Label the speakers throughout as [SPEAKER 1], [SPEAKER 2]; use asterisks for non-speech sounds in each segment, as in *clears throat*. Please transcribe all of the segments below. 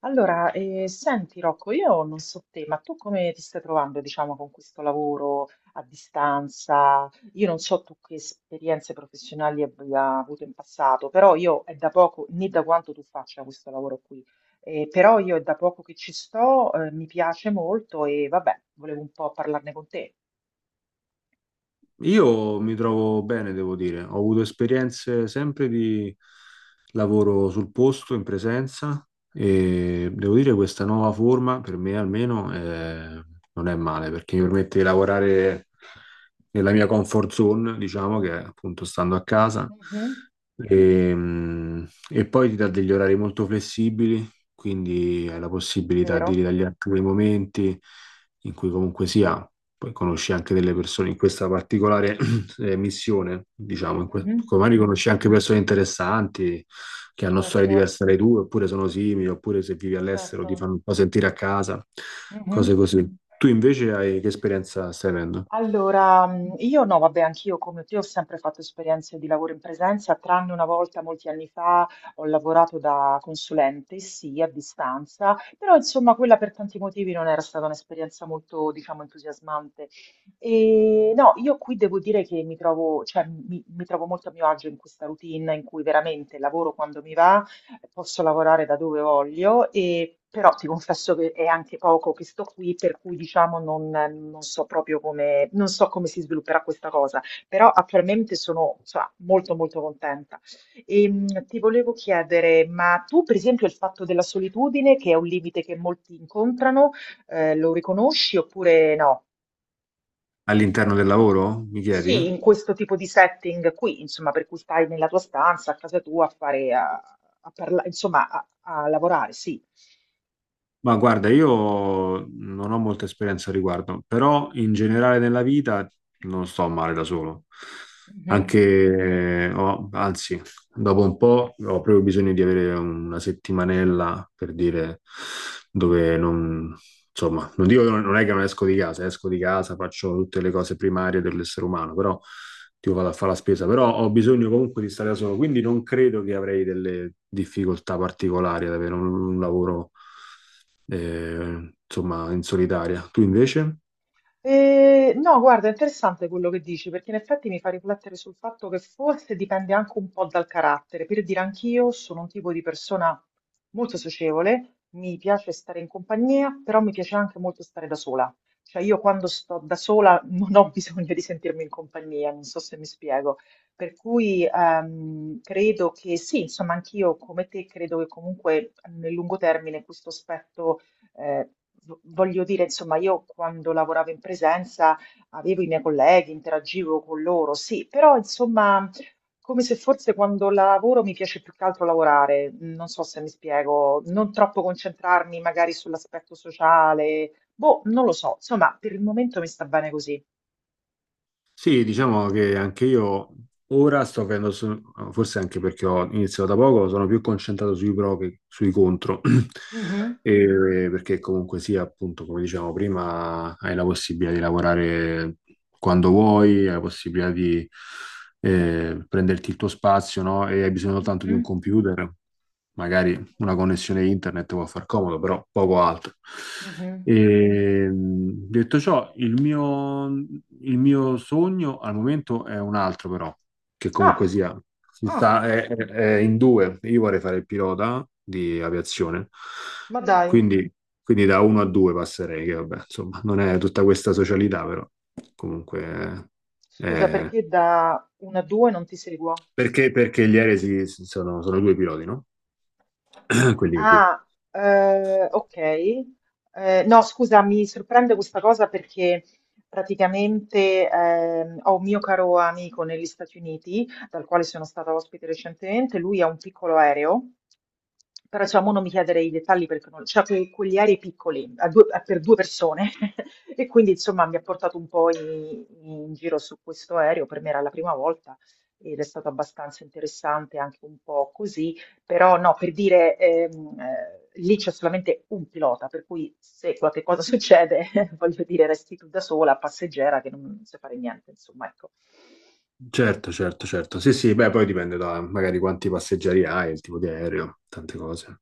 [SPEAKER 1] Allora, senti Rocco, io non so te, ma tu come ti stai trovando, diciamo, con questo lavoro a distanza? Io non so tu che esperienze professionali abbia avuto in passato, però io è da poco, né da quanto tu faccia questo lavoro qui, però io è da poco che ci sto, mi piace molto e vabbè, volevo un po' parlarne con te.
[SPEAKER 2] Io mi trovo bene, devo dire. Ho avuto esperienze sempre di lavoro sul posto, in presenza, e devo dire che questa nuova forma, per me almeno, non è male, perché mi permette di lavorare nella mia comfort zone, diciamo, che è appunto stando a casa,
[SPEAKER 1] Mhm,
[SPEAKER 2] e poi ti dà degli orari molto flessibili, quindi hai la possibilità di
[SPEAKER 1] vero?
[SPEAKER 2] ritagliarti quei momenti in cui comunque sia poi conosci anche delle persone in questa particolare *clears throat* missione, diciamo,
[SPEAKER 1] Mhm,
[SPEAKER 2] magari
[SPEAKER 1] mhm.
[SPEAKER 2] conosci anche persone interessanti che hanno storie
[SPEAKER 1] Certo,
[SPEAKER 2] diverse dalle tue, oppure sono simili, oppure se vivi all'estero ti
[SPEAKER 1] certo.
[SPEAKER 2] fanno un po' sentire a casa, cose così. Tu invece hai che esperienza stai avendo?
[SPEAKER 1] Allora, io no, vabbè, anch'io come te ho sempre fatto esperienze di lavoro in presenza, tranne una volta molti anni fa ho lavorato da consulente, sì, a distanza, però insomma quella per tanti motivi non era stata un'esperienza molto, diciamo, entusiasmante. No, io qui devo dire che mi trovo cioè mi trovo molto a mio agio in questa routine in cui veramente lavoro quando mi va posso lavorare da dove voglio, e, però ti confesso che è anche poco che sto qui, per cui diciamo non so proprio come, non so come si svilupperà questa cosa, però attualmente sono, insomma, molto molto contenta. E, ti volevo chiedere, ma tu per esempio il fatto della solitudine, che è un limite che molti incontrano, lo riconosci oppure no?
[SPEAKER 2] All'interno del lavoro, mi chiedi?
[SPEAKER 1] Sì, in questo tipo di setting qui, insomma, per cui stai nella tua stanza, a casa tua, a fare, insomma, a lavorare, sì.
[SPEAKER 2] Ma guarda, io non ho molta esperienza al riguardo, però in generale nella vita non sto male da solo.
[SPEAKER 1] Mhm.
[SPEAKER 2] Anche, anzi, dopo un po' ho proprio bisogno di avere una settimanella per dire dove non, insomma, non dico che non, non è che non esco di casa, esco di casa, faccio tutte le cose primarie dell'essere umano, però tipo vado a fare la spesa, però ho bisogno comunque di stare da solo, quindi non credo che avrei delle difficoltà particolari ad avere un lavoro insomma, in solitaria. Tu invece?
[SPEAKER 1] No, guarda, è interessante quello che dici, perché in effetti mi fa riflettere sul fatto che forse dipende anche un po' dal carattere. Per dire, anch'io sono un tipo di persona molto socievole, mi piace stare in compagnia, però mi piace anche molto stare da sola. Cioè, io quando sto da sola *laughs* non ho bisogno di sentirmi in compagnia, non so se mi spiego. Per cui credo che sì, insomma, anch'io come te credo che comunque nel lungo termine questo aspetto. Eh, Voglio dire, insomma, io quando lavoravo in presenza avevo i miei colleghi, interagivo con loro, sì, però insomma, come se forse quando lavoro mi piace più che altro lavorare, non so se mi spiego, non troppo concentrarmi magari sull'aspetto sociale, boh, non lo so, insomma, per il momento mi sta bene così.
[SPEAKER 2] Sì, diciamo che anche io ora sto avendo, forse anche perché ho iniziato da poco, sono più concentrato sui pro che sui contro. *clears throat*
[SPEAKER 1] Mhm,
[SPEAKER 2] Perché comunque sia, appunto, come dicevamo prima, hai la possibilità di lavorare quando vuoi, hai la possibilità di prenderti il tuo spazio, no? E hai bisogno soltanto di un
[SPEAKER 1] mhm,
[SPEAKER 2] computer, magari una
[SPEAKER 1] mhm,
[SPEAKER 2] connessione internet può far comodo, però poco altro.
[SPEAKER 1] mhm.
[SPEAKER 2] Detto ciò, il mio sogno al momento è un altro, però, che comunque
[SPEAKER 1] Ah,
[SPEAKER 2] sia,
[SPEAKER 1] ah,
[SPEAKER 2] è in due. Io vorrei fare il pilota di aviazione,
[SPEAKER 1] ma dai,
[SPEAKER 2] quindi, quindi da uno a due passerei, che vabbè, insomma, non è tutta questa socialità, però comunque...
[SPEAKER 1] scusa,
[SPEAKER 2] eh,
[SPEAKER 1] perché da una a due non ti seguo?
[SPEAKER 2] perché gli aerei sono due piloti, no? *clears throat* Quelli che guidano.
[SPEAKER 1] Ah, ok. No, scusa, mi sorprende questa cosa perché praticamente ho un mio caro amico negli Stati Uniti, dal quale sono stata ospite recentemente, lui ha un piccolo aereo, però diciamo non mi chiedere i dettagli perché non. Cioè, quegli aerei piccoli, per due persone, *laughs* e quindi insomma mi ha portato un po' in giro su questo aereo, per me era la prima volta ed è stato abbastanza interessante anche un po' così. Però no, per dire, lì c'è solamente un pilota, per cui se qualche cosa *laughs* succede, voglio dire, resti tu da sola, passeggera, che non sai fare niente, insomma, ecco.
[SPEAKER 2] Certo, certo, certo. Sì, sì, beh, poi dipende da magari quanti passeggeri hai, il tipo di aereo, tante cose.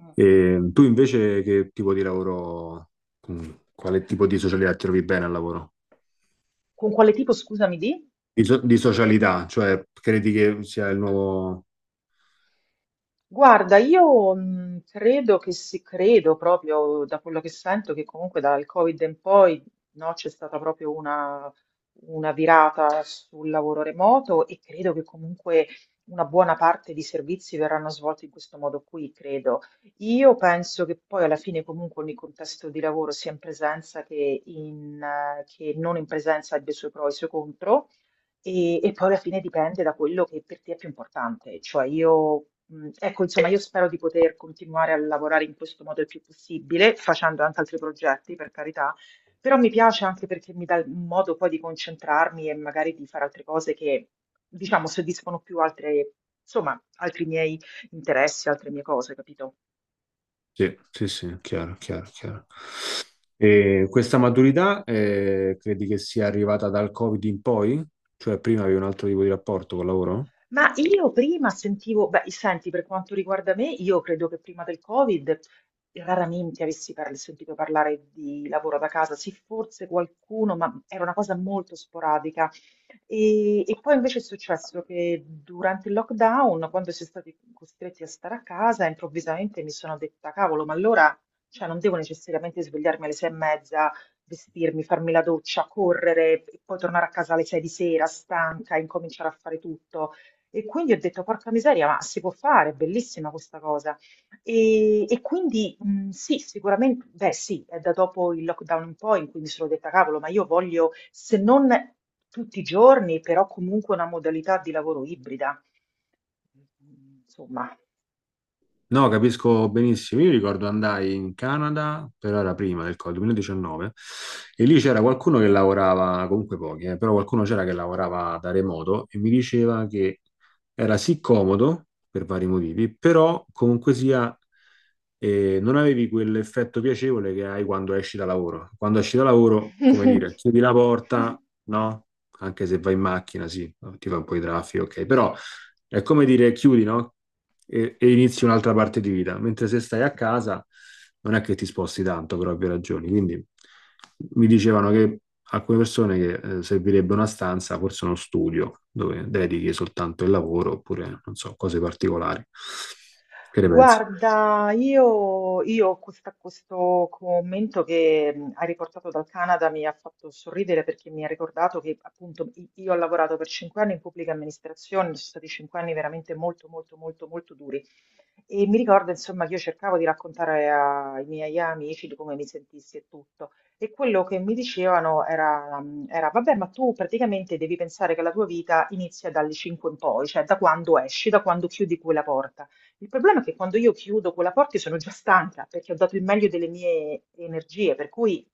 [SPEAKER 1] Mm.
[SPEAKER 2] E tu invece che tipo di lavoro, quale tipo di socialità ti trovi bene al lavoro?
[SPEAKER 1] Con quale tipo, scusami, di?
[SPEAKER 2] Di, di socialità, cioè credi che sia il nuovo...
[SPEAKER 1] Guarda, io credo che si credo proprio da quello che sento che comunque dal Covid in poi no, c'è stata proprio una virata sul lavoro remoto e credo che comunque una buona parte di servizi verranno svolti in questo modo qui, credo. Io penso che poi alla fine comunque ogni contesto di lavoro sia in presenza che, che non in presenza abbia i suoi pro e i suoi contro. E poi alla fine dipende da quello che per te è più importante. Cioè io, ecco, insomma, io spero di poter continuare a lavorare in questo modo il più possibile, facendo anche altri progetti, per carità, però mi piace anche perché mi dà un modo poi di concentrarmi e magari di fare altre cose che, diciamo, soddisfano più altre, insomma, altri miei interessi, altre mie cose, capito?
[SPEAKER 2] Sì, sì, sì, chiaro, chiaro, chiaro. E questa maturità credi che sia arrivata dal Covid in poi? Cioè prima avevi un altro tipo di rapporto col lavoro?
[SPEAKER 1] Ma io prima sentivo beh, senti, per quanto riguarda me, io credo che prima del Covid raramente avessi parl sentito parlare di lavoro da casa. Sì, forse qualcuno, ma era una cosa molto sporadica. E poi invece è successo che durante il lockdown, quando si è stati costretti a stare a casa, improvvisamente mi sono detta, cavolo, ma allora, cioè, non devo necessariamente svegliarmi alle sei e mezza, vestirmi, farmi la doccia, correre e poi tornare a casa alle sei di sera, stanca, incominciare a fare tutto. E quindi ho detto, porca miseria, ma si può fare, è bellissima questa cosa. E quindi sì, sicuramente, beh sì, è da dopo il lockdown in poi in cui mi sono detta, cavolo, ma io voglio, se non tutti i giorni, però comunque una modalità di lavoro ibrida. Insomma.
[SPEAKER 2] No, capisco benissimo. Io ricordo andai in Canada, però era prima del Covid, 2019, e lì c'era qualcuno che lavorava, comunque pochi, però qualcuno c'era che lavorava da remoto e mi diceva che era sì comodo per vari motivi, però comunque sia non avevi quell'effetto piacevole che hai quando esci da lavoro. Quando esci da lavoro, come dire, chiudi la
[SPEAKER 1] *laughs*
[SPEAKER 2] porta, no? Anche se vai in macchina, sì, ti fa un po' di traffico, ok, però è come dire chiudi, no? E inizi un'altra parte di vita. Mentre se stai a casa non è che ti sposti tanto per ovvie ragioni. Quindi mi dicevano che alcune persone che servirebbe una stanza, forse uno studio dove dedichi soltanto il lavoro oppure non so, cose particolari. Che ne pensi?
[SPEAKER 1] Guarda, io ho questo commento che hai riportato dal Canada mi ha fatto sorridere perché mi ha ricordato che appunto io ho lavorato per cinque anni in pubblica amministrazione, sono stati cinque anni veramente molto molto molto molto duri. E mi ricordo, insomma, che io cercavo di raccontare ai miei amici di come mi sentissi e tutto. E quello che mi dicevano era, vabbè, ma tu praticamente devi pensare che la tua vita inizia dalle 5 in poi, cioè da quando esci, da quando chiudi quella porta. Il problema è che quando io chiudo quella porta io sono già stanca perché ho dato il meglio delle mie energie, per cui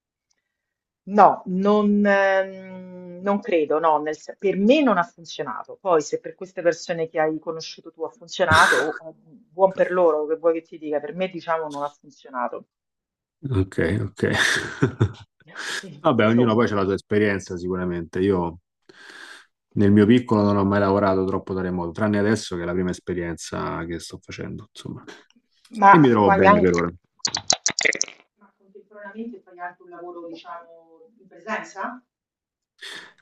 [SPEAKER 1] no, non credo, no, per me non ha funzionato. Poi se per queste persone che hai conosciuto tu ha funzionato, o buon per loro, che vuoi che ti dica, per me diciamo non ha funzionato.
[SPEAKER 2] Ok, ok. *laughs*
[SPEAKER 1] *laughs* Quindi,
[SPEAKER 2] Vabbè, ognuno poi
[SPEAKER 1] insomma.
[SPEAKER 2] ha la sua esperienza sicuramente. Io nel mio piccolo non ho mai lavorato troppo da remoto, tranne adesso che è la prima esperienza che sto facendo, insomma. E
[SPEAKER 1] Ma
[SPEAKER 2] mi trovo
[SPEAKER 1] fai
[SPEAKER 2] bene per
[SPEAKER 1] anche...
[SPEAKER 2] ora.
[SPEAKER 1] Ma contemporaneamente fai anche un lavoro, diciamo, in presenza?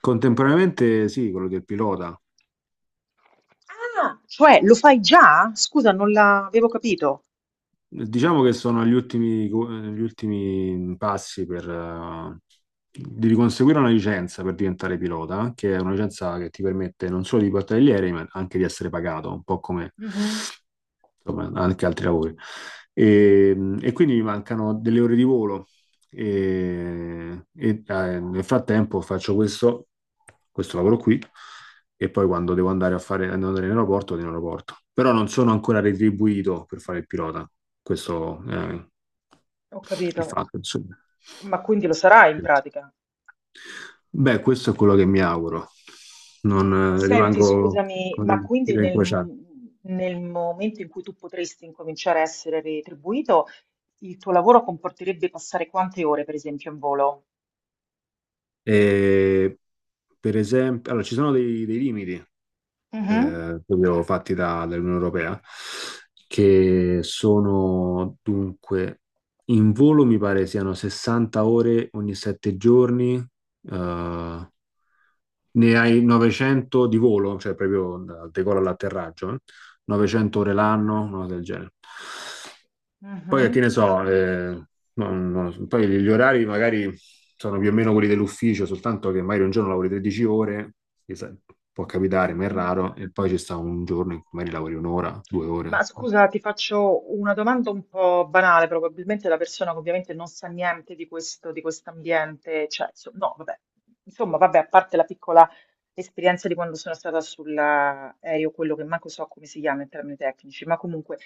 [SPEAKER 2] Contemporaneamente sì, quello del pilota.
[SPEAKER 1] Ah, cioè lo fai già? Scusa, non l'avevo capito.
[SPEAKER 2] Diciamo che sono agli ultimi, gli ultimi passi per, di conseguire una licenza per diventare pilota, che è una licenza che ti permette non solo di portare gli aerei, ma anche di essere pagato, un po' come
[SPEAKER 1] Mhm.
[SPEAKER 2] insomma, anche altri lavori. E, e quindi mi mancano delle ore di volo. Nel frattempo faccio questo, questo lavoro qui e poi quando devo andare a fare andare in aeroporto, vado in aeroporto. Però non sono ancora retribuito per fare il pilota. Questo è
[SPEAKER 1] Ho
[SPEAKER 2] il
[SPEAKER 1] capito,
[SPEAKER 2] fatto, insomma.
[SPEAKER 1] ma quindi lo sarai in pratica?
[SPEAKER 2] Beh, questo è quello che mi auguro. Non
[SPEAKER 1] Senti,
[SPEAKER 2] rimango
[SPEAKER 1] scusami,
[SPEAKER 2] con
[SPEAKER 1] ma
[SPEAKER 2] le
[SPEAKER 1] quindi
[SPEAKER 2] dita
[SPEAKER 1] nel,
[SPEAKER 2] incrociate.
[SPEAKER 1] nel momento in cui tu potresti incominciare a essere retribuito, il tuo lavoro comporterebbe passare quante ore, per esempio, in volo?
[SPEAKER 2] E, per esempio, allora, ci sono dei limiti.
[SPEAKER 1] Mhm.
[SPEAKER 2] Proprio fatti dall'Unione Europea, che sono dunque in volo mi pare siano 60 ore ogni 7 giorni, ne hai 900 di volo, cioè proprio dal decollo all'atterraggio, 900
[SPEAKER 1] Mhm,
[SPEAKER 2] ore l'anno, una cosa del genere. Poi
[SPEAKER 1] mhm,
[SPEAKER 2] che ne so, poi gli orari magari sono più o meno quelli dell'ufficio, soltanto che magari un giorno lavori 13 ore, che sa- può capitare, ma è
[SPEAKER 1] mhm.
[SPEAKER 2] raro, e poi ci sta un giorno in cui magari lavori un'ora, due
[SPEAKER 1] Ma
[SPEAKER 2] ore.
[SPEAKER 1] scusa, ti faccio una domanda un po' banale, probabilmente la persona che ovviamente non sa niente di questo, di quest'ambiente, cioè, no, vabbè, insomma, vabbè, a parte la piccola esperienza di quando sono stata sull'aereo, quello che manco so come si chiama in termini tecnici, ma comunque.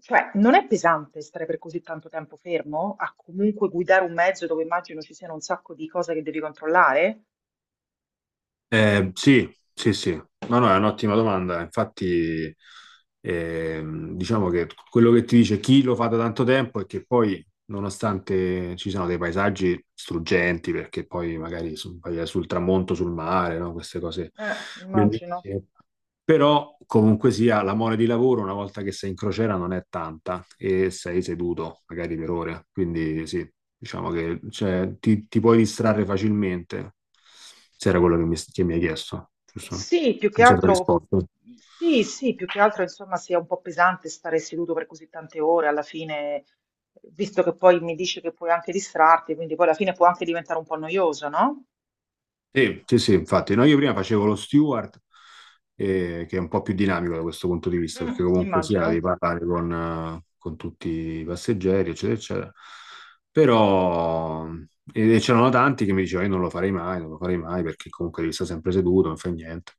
[SPEAKER 1] Cioè, non è pesante stare per così tanto tempo fermo? A comunque guidare un mezzo dove immagino ci siano un sacco di cose che devi controllare?
[SPEAKER 2] Sì, sì, sì, no, no, è un'ottima domanda. Infatti, diciamo che quello che ti dice chi lo fa da tanto tempo è che poi, nonostante ci siano dei paesaggi struggenti, perché poi magari vai sul tramonto, sul mare, no? Queste cose
[SPEAKER 1] Immagino.
[SPEAKER 2] bellissime. Però comunque sia, la mole di lavoro una volta che sei in crociera non è tanta e sei seduto magari per ore, quindi sì, diciamo che cioè, ti puoi distrarre facilmente, se era quello che mi hai chiesto, giusto?
[SPEAKER 1] Sì, più che
[SPEAKER 2] Non so se ho
[SPEAKER 1] altro,
[SPEAKER 2] risposto.
[SPEAKER 1] sì, sì, più che altro insomma sia un po' pesante stare seduto per così tante ore alla fine, visto che poi mi dice che puoi anche distrarti, quindi poi alla fine può anche diventare un po' noioso, no?
[SPEAKER 2] Sì, sì, sì, infatti, no, io prima facevo lo steward, che è un po' più dinamico da questo punto di vista, perché
[SPEAKER 1] Mm,
[SPEAKER 2] comunque sia
[SPEAKER 1] immagino.
[SPEAKER 2] devi parlare con tutti i passeggeri, eccetera, eccetera. Però e c'erano tanti che mi dicevano, io non lo farei mai, non lo farei mai, perché comunque devi stare sempre seduto, non fai niente.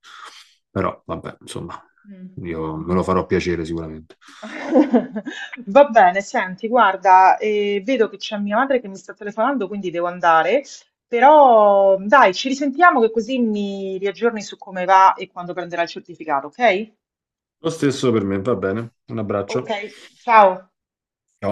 [SPEAKER 2] Però, vabbè, insomma,
[SPEAKER 1] Mm, mm.
[SPEAKER 2] io me lo farò piacere sicuramente.
[SPEAKER 1] *laughs* Va bene, senti, guarda, vedo che c'è mia madre che mi sta telefonando, quindi devo andare, però dai, ci risentiamo che così mi riaggiorni su come va e quando prenderà il certificato, ok?
[SPEAKER 2] Lo stesso per me, va bene, un
[SPEAKER 1] Ok,
[SPEAKER 2] abbraccio.
[SPEAKER 1] ciao.
[SPEAKER 2] Ciao.